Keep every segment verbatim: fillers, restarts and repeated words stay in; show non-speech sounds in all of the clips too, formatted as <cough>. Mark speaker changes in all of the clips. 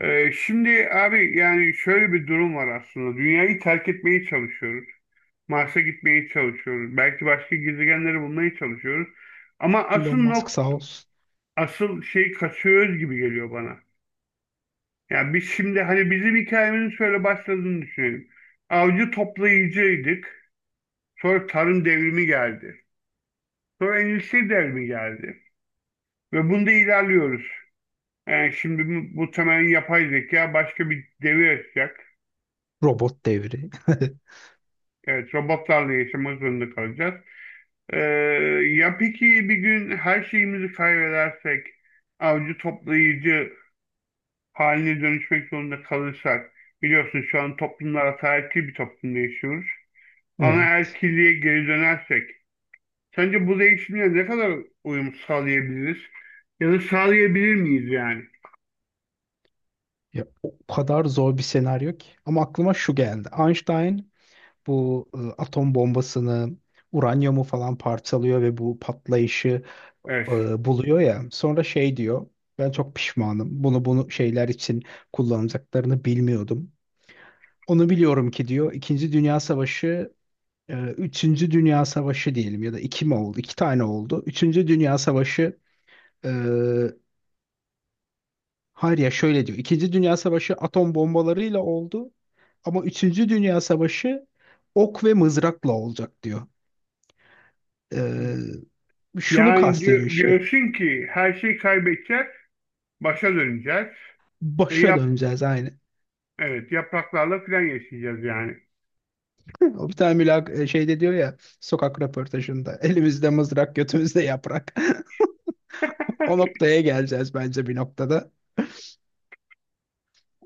Speaker 1: Ee, şimdi abi yani şöyle bir durum var aslında. Dünyayı terk etmeye çalışıyoruz. Mars'a gitmeye çalışıyoruz. Belki başka gezegenleri bulmaya çalışıyoruz. Ama asıl
Speaker 2: Elon Musk
Speaker 1: nok
Speaker 2: sağ olsun.
Speaker 1: asıl şey kaçıyoruz gibi geliyor bana. Yani biz şimdi hani bizim hikayemizin şöyle başladığını düşünelim. Avcı toplayıcıydık. Sonra tarım devrimi geldi. Sonra endüstri devrimi geldi. Ve bunda ilerliyoruz. Yani şimdi bu, bu temel yapay zeka başka bir devir açacak.
Speaker 2: Robot devri. <laughs>
Speaker 1: Evet, robotlarla yaşamak zorunda kalacağız. Ee, ya peki bir gün her şeyimizi kaybedersek, avcı toplayıcı haline dönüşmek zorunda kalırsak, biliyorsun şu an toplumlar ataerkil bir toplumda yaşıyoruz.
Speaker 2: Evet.
Speaker 1: Anaerkilliğe geri dönersek, sence bu değişimle ne kadar uyum sağlayabiliriz? Ya da sağlayabilir miyiz yani?
Speaker 2: Ya, o kadar zor bir senaryo ki. Ama aklıma şu geldi. Einstein bu e, atom bombasını, uranyumu falan parçalıyor ve bu patlayışı
Speaker 1: Evet.
Speaker 2: e, buluyor ya. Sonra şey diyor. Ben çok pişmanım. Bunu bunu şeyler için kullanacaklarını bilmiyordum. Onu biliyorum ki diyor. İkinci Dünya Savaşı, e, Üçüncü Dünya Savaşı diyelim ya da iki mi oldu? İki tane oldu. Üçüncü Dünya Savaşı. e, Hayır, ya şöyle diyor. İkinci Dünya Savaşı atom bombalarıyla oldu ama Üçüncü Dünya Savaşı ok ve mızrakla olacak diyor. Ee, şunu
Speaker 1: Yani diyor,
Speaker 2: kastediyor işte.
Speaker 1: diyorsun ki her şeyi kaybedeceğiz, başa döneceğiz ve
Speaker 2: Başa
Speaker 1: yap,
Speaker 2: döneceğiz aynı. <laughs>
Speaker 1: evet yapraklarla falan yaşayacağız yani.
Speaker 2: O bir tane mülak e, şeyde diyor ya, sokak röportajında: elimizde mızrak, götümüzde yaprak. <laughs> O
Speaker 1: <laughs>
Speaker 2: noktaya geleceğiz bence bir noktada.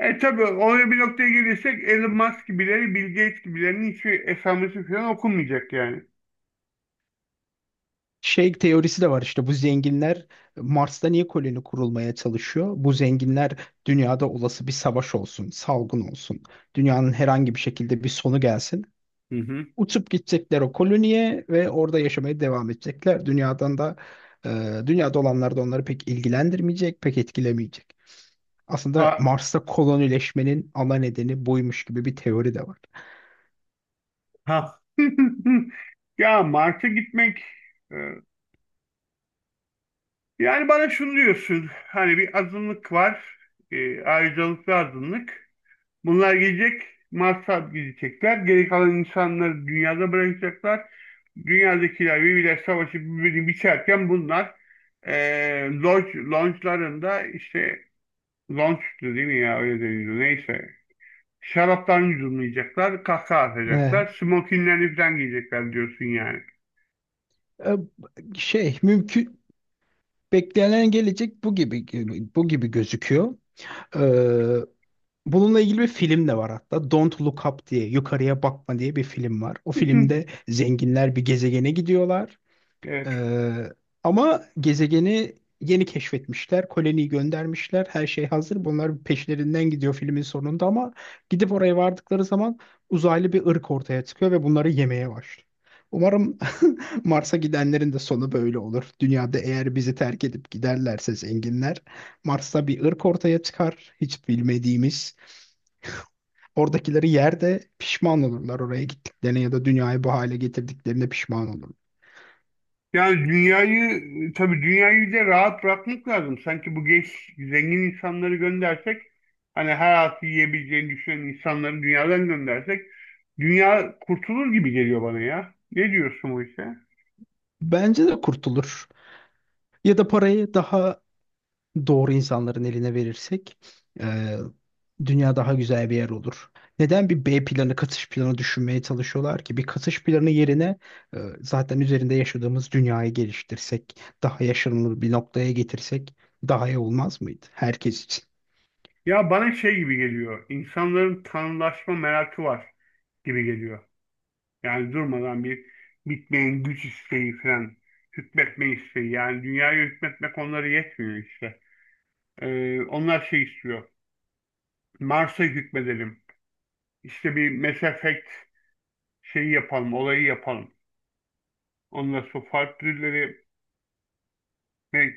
Speaker 1: E tabii oraya bir noktaya gelirsek Elon Musk gibileri, Bill Gates gibilerinin hiçbir esamesi falan okunmayacak yani.
Speaker 2: Şey teorisi de var işte: bu zenginler Mars'ta niye koloni kurulmaya çalışıyor? Bu zenginler dünyada olası bir savaş olsun, salgın olsun, dünyanın herhangi bir şekilde bir sonu gelsin.
Speaker 1: Hı hı.
Speaker 2: Uçup gidecekler o koloniye ve orada yaşamaya devam edecekler. Dünyadan da e, dünyada olanlar da onları pek ilgilendirmeyecek, pek etkilemeyecek. Aslında
Speaker 1: A-
Speaker 2: Mars'ta kolonileşmenin ana nedeni buymuş gibi bir teori de var.
Speaker 1: Ha. <laughs> Ya Mars'a gitmek e, yani bana şunu diyorsun hani bir azınlık var, e, ayrıcalıklı azınlık, bunlar gelecek, Mars'a gidecekler, geri kalan insanları dünyada bırakacaklar, dünyadakiler birbirler savaşı birbirini biçerken bunlar e, lodge, lodge'larında işte. Lon sütü değil mi ya? Öyle deniyordu. Neyse. Şaraptan yudumlayacaklar, kahkaha atacaklar,
Speaker 2: Evet.
Speaker 1: smokinlerini falan giyecekler diyorsun yani.
Speaker 2: E, Şey mümkün, beklenen gelecek bu gibi, bu gibi gözüküyor. E, bununla ilgili bir film de var hatta. Don't Look Up diye, yukarıya bakma diye bir film var. O filmde
Speaker 1: <laughs>
Speaker 2: zenginler bir gezegene gidiyorlar.
Speaker 1: Evet.
Speaker 2: Ee, ama gezegeni yeni keşfetmişler. Koloniyi göndermişler. Her şey hazır. Bunlar peşlerinden gidiyor filmin sonunda ama gidip oraya vardıkları zaman uzaylı bir ırk ortaya çıkıyor ve bunları yemeye başlıyor. Umarım <laughs> Mars'a gidenlerin de sonu böyle olur. Dünyada eğer bizi terk edip giderlerse zenginler, Mars'ta bir ırk ortaya çıkar, hiç bilmediğimiz. Oradakileri yerde pişman olurlar oraya gittiklerine, ya da dünyayı bu hale getirdiklerine pişman olurlar.
Speaker 1: Yani dünyayı, tabii dünyayı bir de rahat bırakmak lazım. Sanki bu genç, zengin insanları göndersek, hani her altı yiyebileceğini düşünen insanları dünyadan göndersek, dünya kurtulur gibi geliyor bana ya. Ne diyorsun bu işe?
Speaker 2: Bence de kurtulur. Ya da parayı daha doğru insanların eline verirsek e, dünya daha güzel bir yer olur. Neden bir B planı, katış planı düşünmeye çalışıyorlar ki? Bir katış planı yerine e, zaten üzerinde yaşadığımız dünyayı geliştirsek, daha yaşanılır bir noktaya getirsek daha iyi olmaz mıydı herkes için?
Speaker 1: Ya bana şey gibi geliyor, İnsanların tanrılaşma merakı var gibi geliyor. Yani durmadan bir bitmeyen güç isteği falan, hükmetme isteği. Yani dünyaya hükmetmek onlara yetmiyor işte. Ee, onlar şey istiyor. Mars'a hükmedelim. İşte bir Mass Effect şeyi yapalım, olayı yapalım. Ondan sonra farklı türleri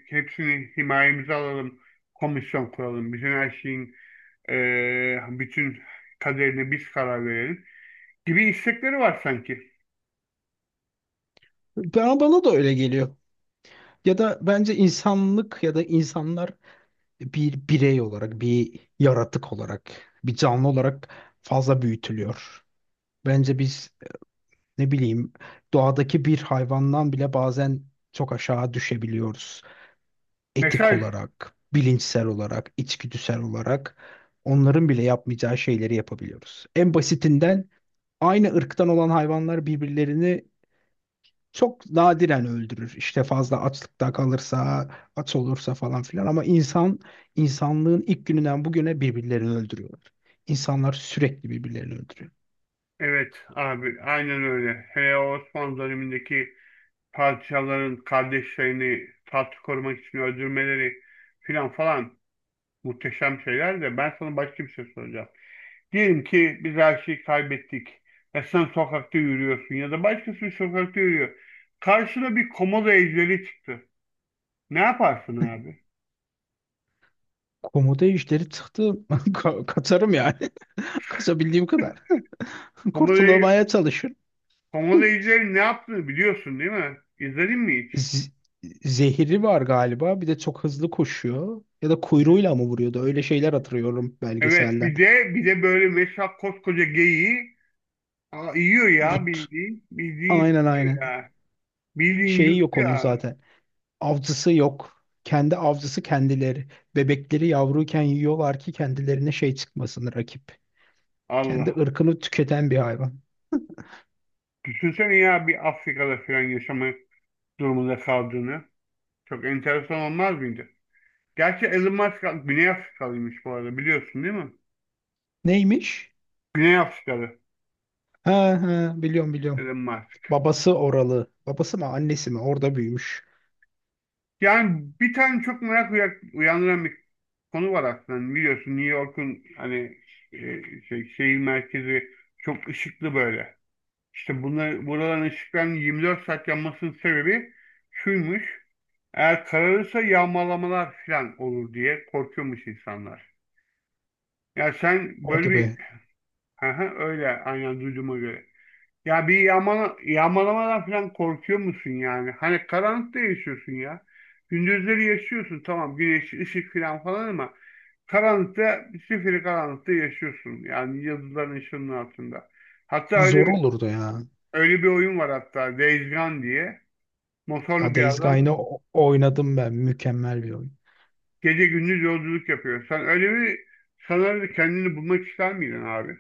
Speaker 1: hepsini himayemize alalım. Komisyon kuralım. Bütün her şeyin ee, bütün kaderine biz karar verelim gibi istekleri var sanki.
Speaker 2: Ben, bana da öyle geliyor. Ya da bence insanlık ya da insanlar bir birey olarak, bir yaratık olarak, bir canlı olarak fazla büyütülüyor. Bence biz, ne bileyim, doğadaki bir hayvandan bile bazen çok aşağı düşebiliyoruz. Etik
Speaker 1: Mesaj.
Speaker 2: olarak, bilinçsel olarak, içgüdüsel olarak onların bile yapmayacağı şeyleri yapabiliyoruz. En basitinden, aynı ırktan olan hayvanlar birbirlerini çok nadiren öldürür. İşte fazla açlıkta kalırsa, aç olursa falan filan, ama insan, insanlığın ilk gününden bugüne, birbirlerini öldürüyorlar. İnsanlar sürekli birbirlerini öldürüyor.
Speaker 1: Evet abi aynen öyle. Hele o Osmanlı dönemindeki parçaların kardeşlerini taht korumak için öldürmeleri filan falan muhteşem şeyler, de ben sana başka bir şey soracağım. Diyelim ki biz her şeyi kaybettik ve sen sokakta yürüyorsun ya da başkası sokakta yürüyor. Karşına bir komodo ejderi çıktı. Ne yaparsın abi?
Speaker 2: Komodo ejderi çıktı. <laughs> Ka- Kaçarım yani. Kazabildiğim kadar. <laughs>
Speaker 1: Komodo,
Speaker 2: Kurtulamaya çalışırım.
Speaker 1: komodo ejderi ne yaptığını biliyorsun değil mi? İzledin mi hiç?
Speaker 2: Z- zehri var galiba. Bir de çok hızlı koşuyor. Ya da kuyruğuyla mı vuruyordu? Öyle şeyler hatırlıyorum
Speaker 1: Evet,
Speaker 2: belgeselden.
Speaker 1: bir de bir de böyle mesela koskoca geyiği aa, yiyor ya,
Speaker 2: Yut.
Speaker 1: bildiğin bildiğin
Speaker 2: Aynen,
Speaker 1: yiyor
Speaker 2: aynen.
Speaker 1: ya. Bildiğin
Speaker 2: Şeyi
Speaker 1: yuttu
Speaker 2: yok onun
Speaker 1: ya.
Speaker 2: zaten. Avcısı yok. Kendi avcısı kendileri. Bebekleri yavruyken yiyorlar ki kendilerine şey çıkmasın, rakip. Kendi
Speaker 1: Allah.
Speaker 2: ırkını tüketen bir hayvan.
Speaker 1: Düşünsene ya bir Afrika'da falan yaşama durumunda kaldığını. Çok enteresan olmaz mıydı? Gerçi Elon Musk Güney Afrikalıymış bu arada, biliyorsun değil mi?
Speaker 2: Neymiş?
Speaker 1: Güney Afrikalı
Speaker 2: Ha, ha, biliyorum, biliyorum.
Speaker 1: Elon Musk.
Speaker 2: Babası oralı. Babası mı, annesi mi? Orada büyümüş.
Speaker 1: Yani bir tane çok merak uyak- uyandıran bir konu var aslında. Hani biliyorsun New York'un hani e, şey, şehir merkezi çok ışıklı böyle. İşte bunlar, buraların ışıklarının yirmi dört saat yanmasının sebebi şuymuş. Eğer kararırsa yağmalamalar falan olur diye korkuyormuş insanlar. Ya sen böyle
Speaker 2: Hadi
Speaker 1: bir.
Speaker 2: be.
Speaker 1: Aha, öyle aynen duyduğuma göre. Ya bir yağmala, yağmalamadan falan korkuyor musun yani? Hani karanlıkta yaşıyorsun ya. Gündüzleri yaşıyorsun tamam, güneş, ışık falan falan, ama karanlıkta, zifiri karanlıkta yaşıyorsun. Yani yıldızların ışığının altında. Hatta öyle
Speaker 2: Zor
Speaker 1: bir,
Speaker 2: olurdu ya.
Speaker 1: öyle bir oyun var hatta, Days Gone diye.
Speaker 2: Ya,
Speaker 1: Motorlu bir
Speaker 2: Days
Speaker 1: adam
Speaker 2: Gone'ı o- oynadım ben. Mükemmel bir oyun.
Speaker 1: gece gündüz yolculuk yapıyor. Sen öyle bir, sanırım kendini bulmak ister miydin abi?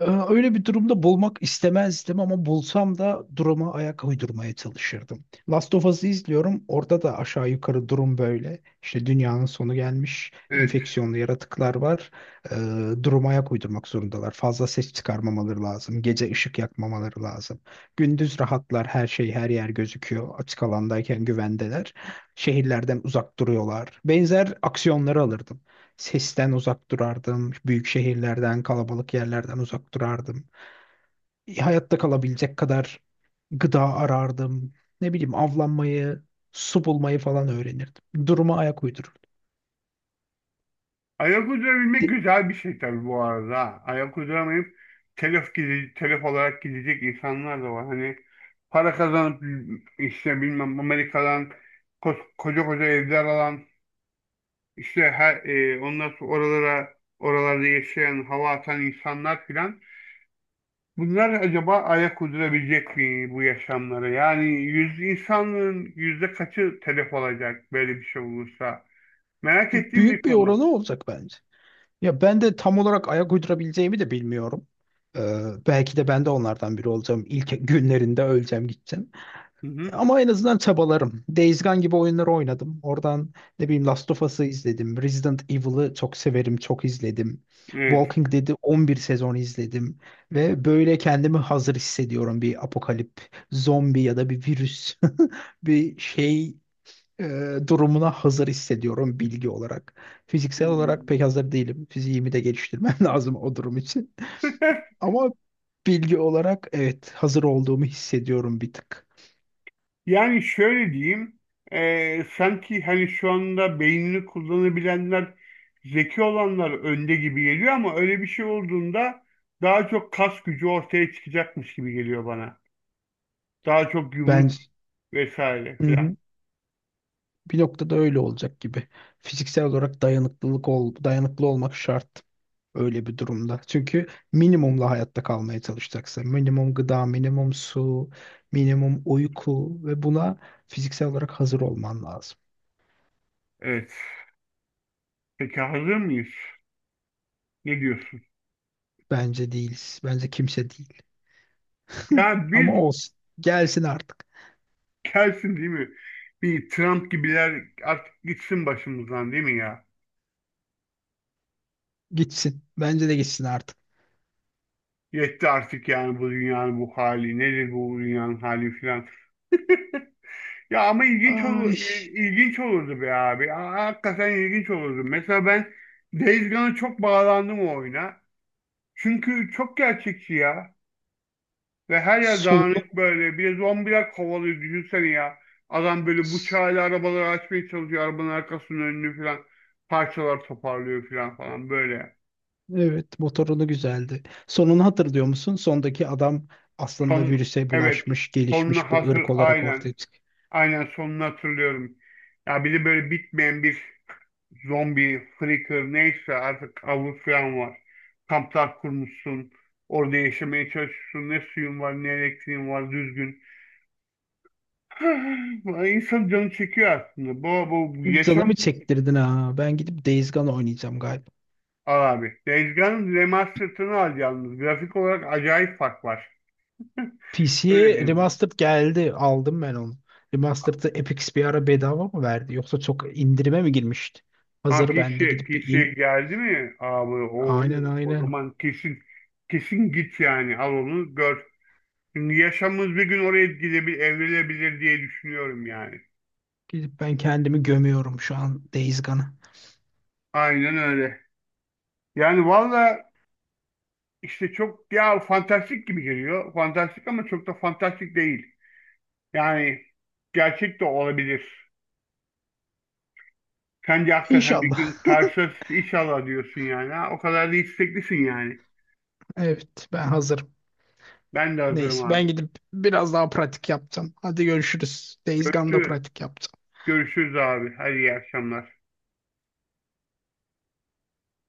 Speaker 2: Ee, Öyle bir durumda bulmak istemezdim ama bulsam da duruma ayak uydurmaya çalışırdım. Last of Us'ı izliyorum. Orada da aşağı yukarı durum böyle. İşte dünyanın sonu gelmiş,
Speaker 1: Evet.
Speaker 2: enfeksiyonlu yaratıklar var. Ee, duruma ayak uydurmak zorundalar. Fazla ses çıkarmamaları lazım. Gece ışık yakmamaları lazım. Gündüz rahatlar, her şey, her yer gözüküyor. Açık alandayken güvendeler. Şehirlerden uzak duruyorlar. Benzer aksiyonları alırdım. Sesten uzak durardım. Büyük şehirlerden, kalabalık yerlerden uzak durardım. E, Hayatta kalabilecek kadar gıda arardım. Ne bileyim, avlanmayı, su bulmayı falan öğrenirdim. Duruma ayak uydururdum.
Speaker 1: Ayak uydurabilmek
Speaker 2: De-
Speaker 1: güzel bir şey tabii bu arada. Ha. Ayak uyduramayıp telef, gide- telef olarak gidecek insanlar da var. Hani para kazanıp işte bilmem Amerika'dan ko- koca koca evler alan işte her, e, ondan sonra oralara oralarda yaşayan hava atan insanlar filan. Bunlar acaba ayak uydurabilecek mi bu yaşamlara? Yani yüz insanlığın yüzde kaçı telef olacak böyle bir şey olursa? Merak ettiğim bir
Speaker 2: Büyük bir
Speaker 1: konu.
Speaker 2: oranı olacak bence. Ya ben de tam olarak ayak uydurabileceğimi de bilmiyorum. Ee, belki de ben de onlardan biri olacağım. İlk günlerinde öleceğim, gideceğim.
Speaker 1: Hı hı.
Speaker 2: Ama en azından çabalarım. Days Gone gibi oyunları oynadım. Oradan, ne bileyim, Last of Us'ı izledim. Resident Evil'ı çok severim, çok izledim.
Speaker 1: Evet.
Speaker 2: Walking Dead'i on bir sezon izledim. Ve böyle kendimi hazır hissediyorum: bir apokalip, zombi ya da bir virüs, <laughs> bir şey e, durumuna hazır hissediyorum bilgi olarak. Fiziksel olarak
Speaker 1: Hmm.
Speaker 2: pek hazır değilim. Fiziğimi de geliştirmem <laughs> lazım o durum için.
Speaker 1: <laughs>
Speaker 2: Ama bilgi olarak evet, hazır olduğumu hissediyorum bir tık.
Speaker 1: Yani şöyle diyeyim, eee, sanki hani şu anda beynini kullanabilenler, zeki olanlar önde gibi geliyor ama öyle bir şey olduğunda daha çok kas gücü ortaya çıkacakmış gibi geliyor bana. Daha çok yumruk
Speaker 2: Bence,
Speaker 1: vesaire
Speaker 2: hı
Speaker 1: filan.
Speaker 2: hı, bir noktada öyle olacak gibi. Fiziksel olarak dayanıklılık ol, dayanıklı olmak şart öyle bir durumda. Çünkü minimumla hayatta kalmaya çalışacaksa, minimum gıda, minimum su, minimum uyku ve buna fiziksel olarak hazır olman lazım.
Speaker 1: Evet. Peki hazır mıyız? Ne diyorsun?
Speaker 2: Bence değiliz. Bence kimse değil.
Speaker 1: Ya
Speaker 2: Ama
Speaker 1: bir
Speaker 2: olsun. Gelsin artık.
Speaker 1: gelsin değil mi? Bir Trump gibiler artık gitsin başımızdan değil mi ya?
Speaker 2: Gitsin. Bence de gitsin artık.
Speaker 1: Yetti artık yani bu dünyanın bu hali. Nedir bu dünyanın hali filan. <laughs> Ya ama ilginç
Speaker 2: Ay.
Speaker 1: olur, il- ilginç olurdu be abi. Ha- Hakikaten ilginç olurdu. Mesela ben Days Gone'a çok bağlandım o oyuna. Çünkü çok gerçekçi ya. Ve her yer
Speaker 2: Sonu.
Speaker 1: dağınık böyle. Bir de zombiler kovalıyor düşünsene ya. Adam böyle bıçağıyla arabaları açmaya çalışıyor. Arabanın arkasının önünü falan parçalar toparlıyor falan falan böyle.
Speaker 2: Evet, motorunu güzeldi. Sonunu hatırlıyor musun? Sondaki adam aslında
Speaker 1: Son
Speaker 2: virüse
Speaker 1: evet,
Speaker 2: bulaşmış,
Speaker 1: sonuna
Speaker 2: gelişmiş bir
Speaker 1: hasır
Speaker 2: ırk olarak
Speaker 1: aynen.
Speaker 2: ortaya çıkıyor.
Speaker 1: Aynen sonunu hatırlıyorum. Ya bir de böyle bitmeyen bir zombi, freaker neyse artık avı falan var. Kamplar kurmuşsun. Orada yaşamaya çalışıyorsun. Ne suyun var ne elektriğin var düzgün. <laughs> İnsan canı çekiyor aslında. Bu, bu
Speaker 2: Canımı
Speaker 1: yaşam.
Speaker 2: çektirdin ha. Ben gidip Days Gone oynayacağım galiba.
Speaker 1: Al abi. Dezgan'ın remastered'ını al yalnız. Grafik olarak acayip fark var. <laughs> Öyle
Speaker 2: P C'ye
Speaker 1: diyeyim.
Speaker 2: Remastered geldi. Aldım ben onu. Remastered'ı Epic bir ara bedava mı verdi? Yoksa çok indirime mi girmişti?
Speaker 1: Ha
Speaker 2: Hazır
Speaker 1: PC,
Speaker 2: ben de gidip bir
Speaker 1: P C'ye
Speaker 2: in...
Speaker 1: geldi mi abi? Oo,
Speaker 2: Aynen,
Speaker 1: o
Speaker 2: aynen.
Speaker 1: zaman kesin kesin git yani. Al onu gör. Şimdi yaşamımız bir gün oraya gidebilir, evrilebilir diye düşünüyorum yani.
Speaker 2: Gidip ben kendimi gömüyorum şu an Days Gone'a.
Speaker 1: Aynen öyle. Yani valla işte çok ya fantastik gibi geliyor. Fantastik ama çok da fantastik değil. Yani gerçek de olabilir. Sen de hakikaten bir
Speaker 2: İnşallah.
Speaker 1: gün karşılaşırız inşallah diyorsun yani. Ha, o kadar da isteklisin yani.
Speaker 2: <laughs> Evet, ben hazırım.
Speaker 1: Ben de hazırım
Speaker 2: Neyse,
Speaker 1: abi.
Speaker 2: ben gidip biraz daha pratik yaptım. Hadi görüşürüz. Days Gone'da
Speaker 1: Görüşürüz.
Speaker 2: pratik yaptım.
Speaker 1: Görüşürüz abi. Hadi iyi akşamlar.